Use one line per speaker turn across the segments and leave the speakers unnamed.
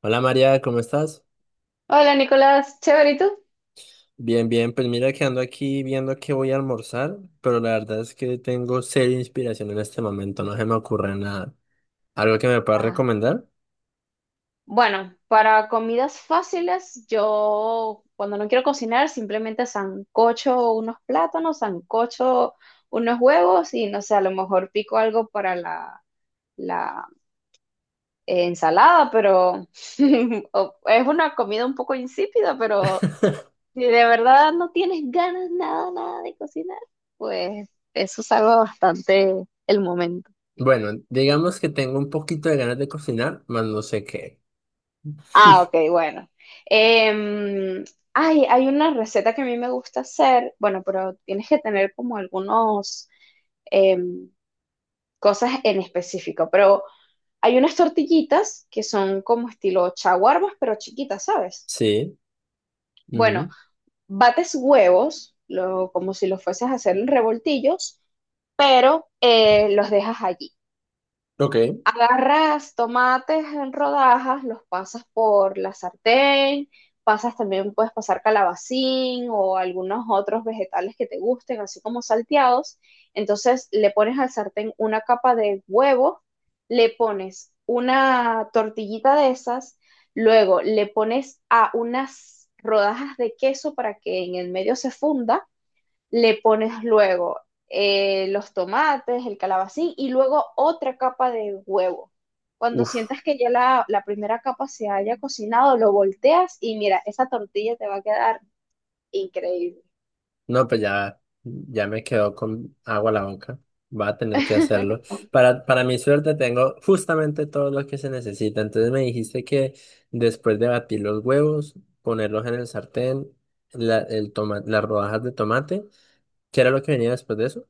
Hola María, ¿cómo estás?
Hola Nicolás, chévere, ¿y tú?
Bien, bien, pues mira que ando aquí viendo qué voy a almorzar, pero la verdad es que tengo seria inspiración en este momento, no se me ocurre nada. ¿Algo que me puedas
Ah,
recomendar?
bueno, para comidas fáciles, yo cuando no quiero cocinar, simplemente sancocho unos plátanos, sancocho unos huevos y no sé, a lo mejor pico algo para la ensalada, pero es una comida un poco insípida, pero si de verdad no tienes ganas nada, nada de cocinar, pues eso salva bastante el momento.
Bueno, digamos que tengo un poquito de ganas de cocinar, más no sé qué.
Ah, ok, bueno. Em, Ay, hay una receta que a mí me gusta hacer, bueno, pero tienes que tener como algunos em, cosas en específico, pero hay unas tortillitas que son como estilo chaguarmas, pero chiquitas, ¿sabes?
Sí,
Bueno,
ujú,
bates huevos, como si los fueses a hacer en revoltillos, pero los dejas allí.
ok,
Agarras tomates en rodajas, los pasas por la sartén, pasas también, puedes pasar calabacín o algunos otros vegetales que te gusten, así como salteados. Entonces le pones al sartén una capa de huevo, le pones una tortillita de esas, luego le pones a unas rodajas de queso para que en el medio se funda, le pones luego los tomates, el calabacín y luego otra capa de huevo. Cuando
uf.
sientas que ya la primera capa se haya cocinado, lo volteas y mira, esa tortilla te va a quedar increíble.
No, pues ya, ya me quedó con agua a la boca. Va a tener que hacerlo. Para mi suerte tengo justamente todo lo que se necesita. Entonces me dijiste que después de batir los huevos, ponerlos en el sartén, las rodajas de tomate, ¿qué era lo que venía después de eso?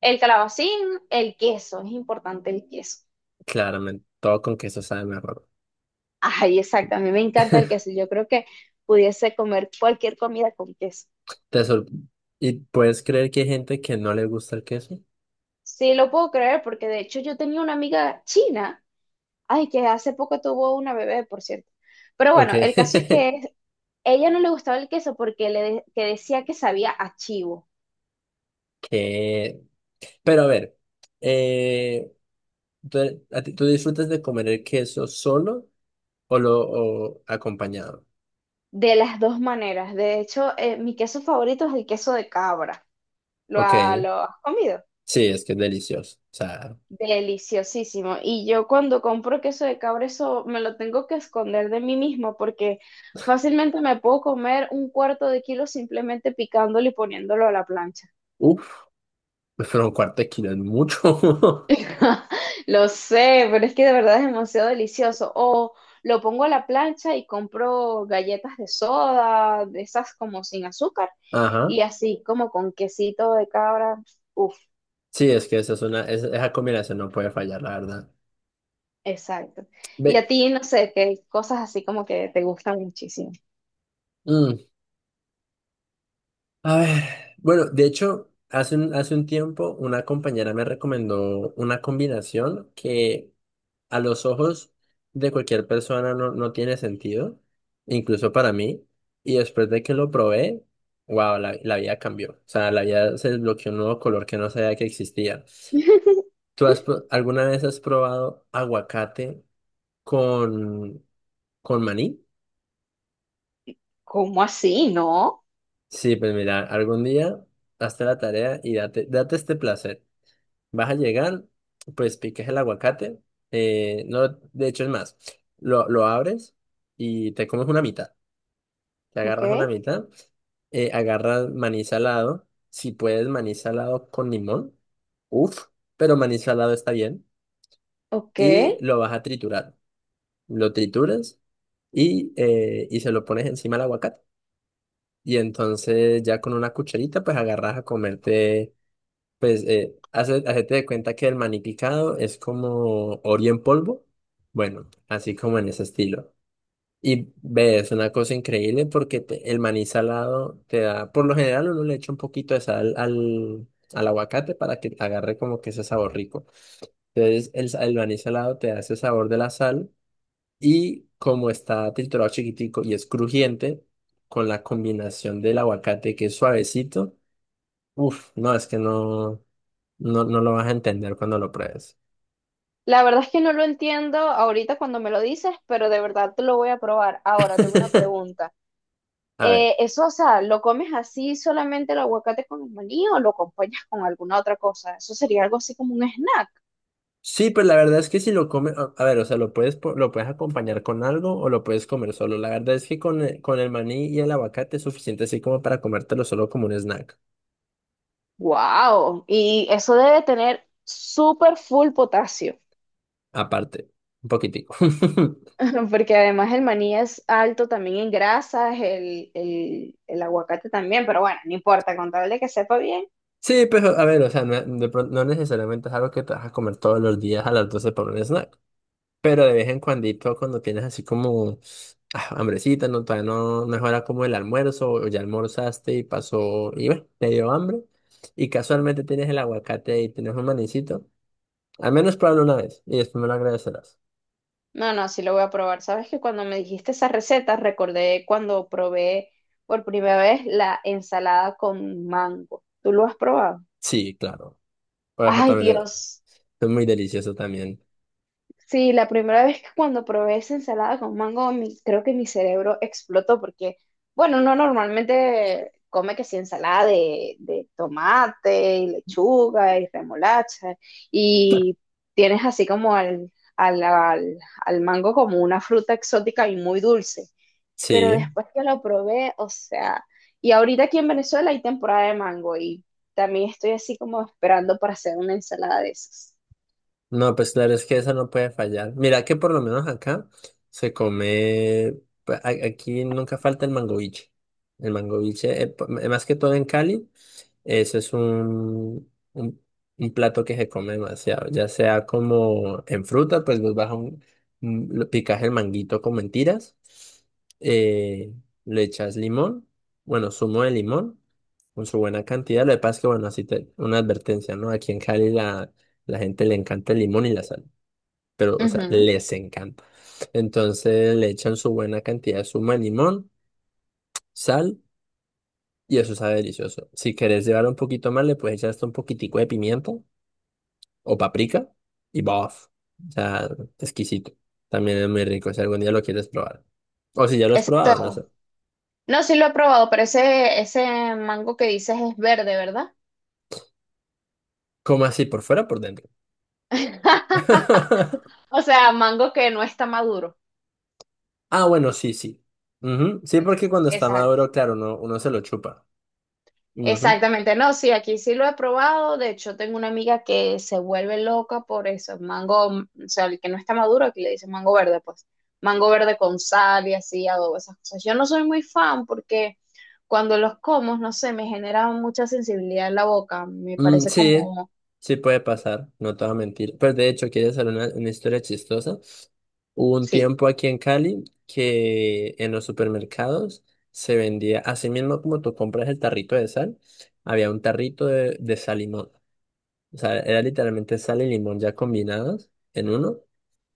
El calabacín, el queso, es importante el queso.
Claramente, todo con queso sabe mejor.
Ay, exacto, a mí me encanta el queso. Yo creo que pudiese comer cualquier comida con queso.
Te sor- ¿Y puedes creer que hay gente que no le gusta el queso?
Sí, lo puedo creer porque de hecho yo tenía una amiga china. Ay, que hace poco tuvo una bebé, por cierto. Pero
Ok.
bueno, el caso es que ella no le gustaba el queso porque le de- que decía que sabía a chivo,
Que... Pero a ver. Eh, ¿Tú, tú disfrutas de comer el queso solo o lo o acompañado?
de las dos maneras. De hecho, mi queso favorito es el queso de cabra. ¿Lo,
Ok,
ha- Lo has comido?
sí, es que es delicioso. O sea,
Deliciosísimo. Y yo cuando compro queso de cabra, eso me lo tengo que esconder de mí mismo porque fácilmente me puedo comer un cuarto de kilo simplemente picándolo y poniéndolo a la plancha.
uff, pero un cuarto de kilo es mucho.
Lo sé, pero es que de verdad es demasiado delicioso. O lo pongo a la plancha y compro galletas de soda, de esas como sin azúcar,
Ajá.
y así como con quesito de cabra. Uf,
Sí, es que esa es una, esa combinación no puede fallar, la verdad.
exacto. Y
Ve,
a ti, no sé, qué cosas así como que te gustan muchísimo.
mm, a ver, bueno, de hecho, hace un tiempo una compañera me recomendó una combinación que a los ojos de cualquier persona no tiene sentido, incluso para mí. Y después de que lo probé, wow, la vida cambió. O sea, la vida se desbloqueó un nuevo color que no sabía que existía. ¿Tú has, alguna vez has probado aguacate con, con maní?
¿Cómo así? ¿No?
Sí, pues mira, algún día hazte la tarea y date este placer. Vas a llegar, pues piques el aguacate. No, de hecho es más, lo abres y te comes una mitad. Te
Ok,
agarras una mitad, agarras maní salado. Si puedes, maní salado con limón. Uff, pero maní salado está bien.
ok.
Y lo vas a triturar. Lo trituras y se lo pones encima al aguacate. Y entonces ya con una cucharita pues agarras a comerte, hacete de cuenta que el maní picado es como Oreo en polvo. Bueno, así como en ese estilo. Y ve, es una cosa increíble porque el maní salado te da, por lo general uno le echa un poquito de sal al aguacate para que agarre como que ese sabor rico. Entonces el maní salado te da ese sabor de la sal y como está triturado chiquitico y es crujiente, con la combinación del aguacate que es suavecito, uff, no, es que no lo vas a entender cuando lo pruebes.
La verdad es que no lo entiendo ahorita cuando me lo dices, pero de verdad te lo voy a probar. Ahora tengo una pregunta.
A ver.
Eso, o sea, ¿lo comes así solamente el aguacate con el maní o lo acompañas con alguna otra cosa? Eso sería algo así como un snack.
Sí, pues la verdad es que si lo comes, a ver, o sea, lo puedes acompañar con algo o lo puedes comer solo. La verdad es que con el maní y el aguacate es suficiente así como para comértelo solo como un snack.
¡Wow! Y eso debe tener súper full potasio,
Aparte, un poquitico.
porque además el maní es alto también en grasas, el aguacate también, pero bueno, no importa, con tal de que sepa bien.
Sí, pero a ver, o sea, no, no necesariamente es algo que te vas a comer todos los días a las 12 por un snack. Pero de vez en cuandito, cuando tienes así como ah, hambrecita, no, todavía no mejora como el almuerzo o ya almorzaste y pasó, y bueno, te dio hambre. Y casualmente tienes el aguacate y tienes un manicito. Al menos pruébalo una vez y después me lo agradecerás.
No, no, sí lo voy a probar. Sabes que cuando me dijiste esa receta, recordé cuando probé por primera vez la ensalada con mango. ¿Tú lo has probado?
Sí, claro. Orejo
Ay,
también
Dios.
es muy delicioso también.
Sí, la primera vez que cuando probé esa ensalada con mango, creo que mi cerebro explotó porque, bueno, uno normalmente come que sí ensalada de tomate y lechuga y remolacha y tienes así como al, al, al mango como una fruta exótica y muy dulce. Pero
Sí.
después que lo probé, o sea, y ahorita aquí en Venezuela hay temporada de mango y también estoy así como esperando para hacer una ensalada de esas.
No, pues claro, es que eso no puede fallar. Mira que por lo menos acá se come, pues, aquí nunca falta el mangoviche. El mangoviche, más que todo en Cali, eso es un plato que se come demasiado. Ya sea como en fruta, pues vos vas a lo picas el manguito con mentiras, eh, le echas limón, bueno, zumo de limón con su buena cantidad. Lo que pasa es que, bueno, así te, una advertencia, ¿no? Aquí en Cali la gente le encanta el limón y la sal, pero, o sea,
Ujú,
les encanta. Entonces le echan su buena cantidad de zumo de limón, sal, y eso sabe delicioso. Si querés llevar un poquito más, le puedes echar hasta un poquitico de pimiento o paprika y ¡bof! O sea, exquisito. También es muy rico si algún día lo quieres probar. O si ya lo has probado, no
exacto.
sé.
No, sí lo he probado, pero ese mango que dices es verde, ¿verdad?
¿Cómo así? ¿Por fuera o por dentro?
O sea, mango que no está maduro.
Ah, bueno, sí, sí. Ujú, sí,
Es-
porque cuando está
Exacto.
maduro, claro, uno se lo chupa. Ujú.
Exactamente. No, sí, aquí sí lo he probado. De hecho, tengo una amiga que se vuelve loca por eso. Mango, o sea, el que no está maduro, aquí le dicen mango verde, pues. Mango verde con sal y así, adobo, esas cosas. Yo no soy muy fan porque cuando los como, no sé, me genera mucha sensibilidad en la boca. Me
Mm,
parece
sí,
como,
sí puede pasar, no te voy a mentir. Pues de hecho, ¿quieres saber una historia chistosa? Hubo un
sí.
tiempo aquí en Cali que en los supermercados se vendía, así mismo como tú compras el tarrito de sal, había un tarrito de sal y limón. O sea, era literalmente sal y limón ya combinados en uno.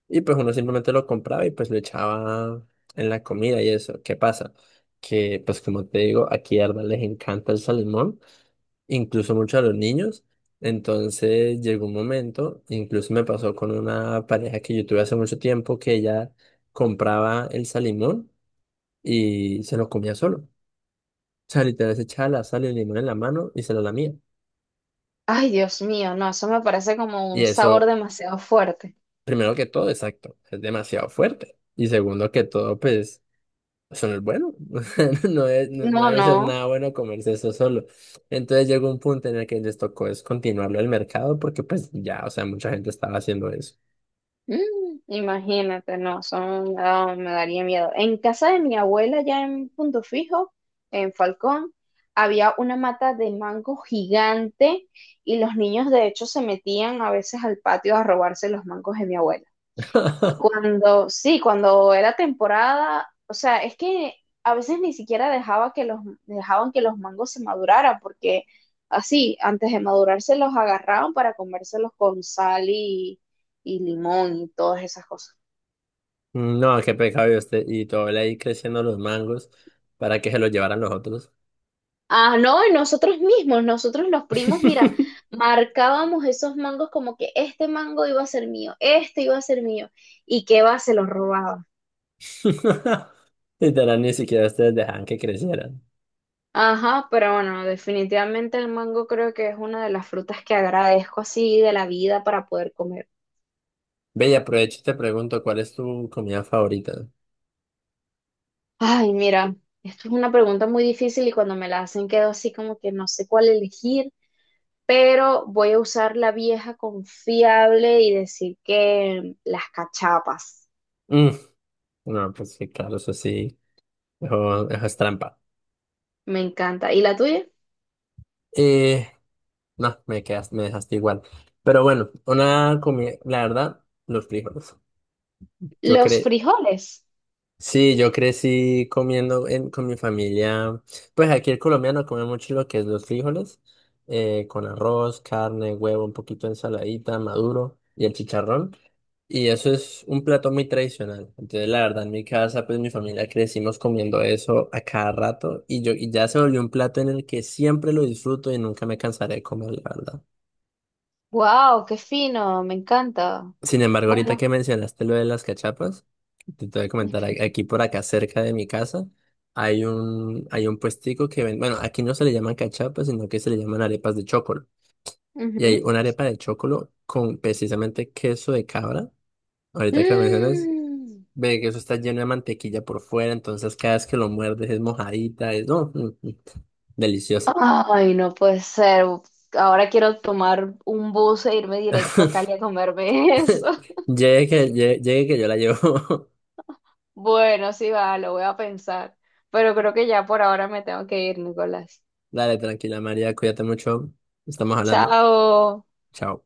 Y pues uno simplemente lo compraba y pues lo echaba en la comida y eso. ¿Qué pasa? Que pues como te digo, aquí a Arda les encanta el sal y limón incluso mucho a los niños. Entonces llegó un momento, incluso me pasó con una pareja que yo tuve hace mucho tiempo, que ella compraba el salimón y se lo comía solo. O sea, literal se echaba la sal y el limón en la mano y se lo lamía.
Ay, Dios mío, no, eso me parece como
Y
un sabor
eso,
demasiado fuerte.
primero que todo, exacto, es demasiado fuerte. Y segundo que todo, pues, eso no es bueno. O sea, no
No,
debe ser
no.
nada bueno comerse eso solo. Entonces llegó un punto en el que les tocó descontinuarlo del mercado porque pues ya, o sea, mucha gente estaba haciendo eso.
Mm, imagínate, no, son, no, me daría miedo. En casa de mi abuela, ya en Punto Fijo, en Falcón, había una mata de mango gigante y los niños de hecho se metían a veces al patio a robarse los mangos de mi abuela. Y cuando, sí, cuando era temporada, o sea, es que a veces ni siquiera dejaba que dejaban que los mangos se maduraran, porque así, antes de madurarse los agarraban para comérselos con sal y limón y todas esas cosas.
No, qué pecado y usted y todo él ahí creciendo los mangos para que se los llevaran los otros.
Ah, no, y nosotros mismos, nosotros los primos, mira, marcábamos esos mangos como que este mango iba a ser mío, este iba a ser mío, y que va, se los robaba.
Literal, ni siquiera ustedes dejaban que crecieran.
Ajá, pero bueno, definitivamente el mango creo que es una de las frutas que agradezco así de la vida para poder comer.
Ve, y aprovecho y te pregunto, ¿cuál es tu comida favorita?
Ay, mira, esto es una pregunta muy difícil y cuando me la hacen quedo así como que no sé cuál elegir, pero voy a usar la vieja confiable y decir que las cachapas.
Mm, no, pues sí, claro, eso sí, eso es trampa.
Me encanta. ¿Y la tuya?
Eh, no, me quedas, me dejaste igual. Pero bueno, una comida, la verdad, los frijoles. Yo
Los
creo,
frijoles.
sí, yo crecí con mi familia. Pues aquí el colombiano come mucho lo que es los frijoles, con arroz, carne, huevo, un poquito de ensaladita, maduro y el chicharrón. Y eso es un plato muy tradicional. Entonces, la verdad, en mi casa, pues mi familia crecimos comiendo eso a cada rato y yo y ya se volvió un plato en el que siempre lo disfruto y nunca me cansaré de comer, la verdad.
Wow, qué fino, me encanta.
Sin embargo, ahorita
Bueno.
que mencionaste lo de las cachapas. Te voy a comentar, aquí por acá cerca de mi casa hay un puestico que vende, bueno, aquí no se le llaman cachapas, sino que se le llaman arepas de chocolo. Y hay
Ujú.
una arepa de chocolo con precisamente queso de cabra. Ahorita que lo mencionas,
Mm,
ve que eso está lleno de mantequilla por fuera, entonces cada vez que lo muerdes es mojadita, es, no, delicioso.
ay, no puede ser. Ahora quiero tomar un bus e irme directo a Cali a comerme eso.
Llegue, llegue que yo la llevo.
Bueno, sí va, lo voy a pensar. Pero creo que ya por ahora me tengo que ir, Nicolás.
Dale, tranquila María, cuídate mucho, estamos hablando.
Chao.
Chao.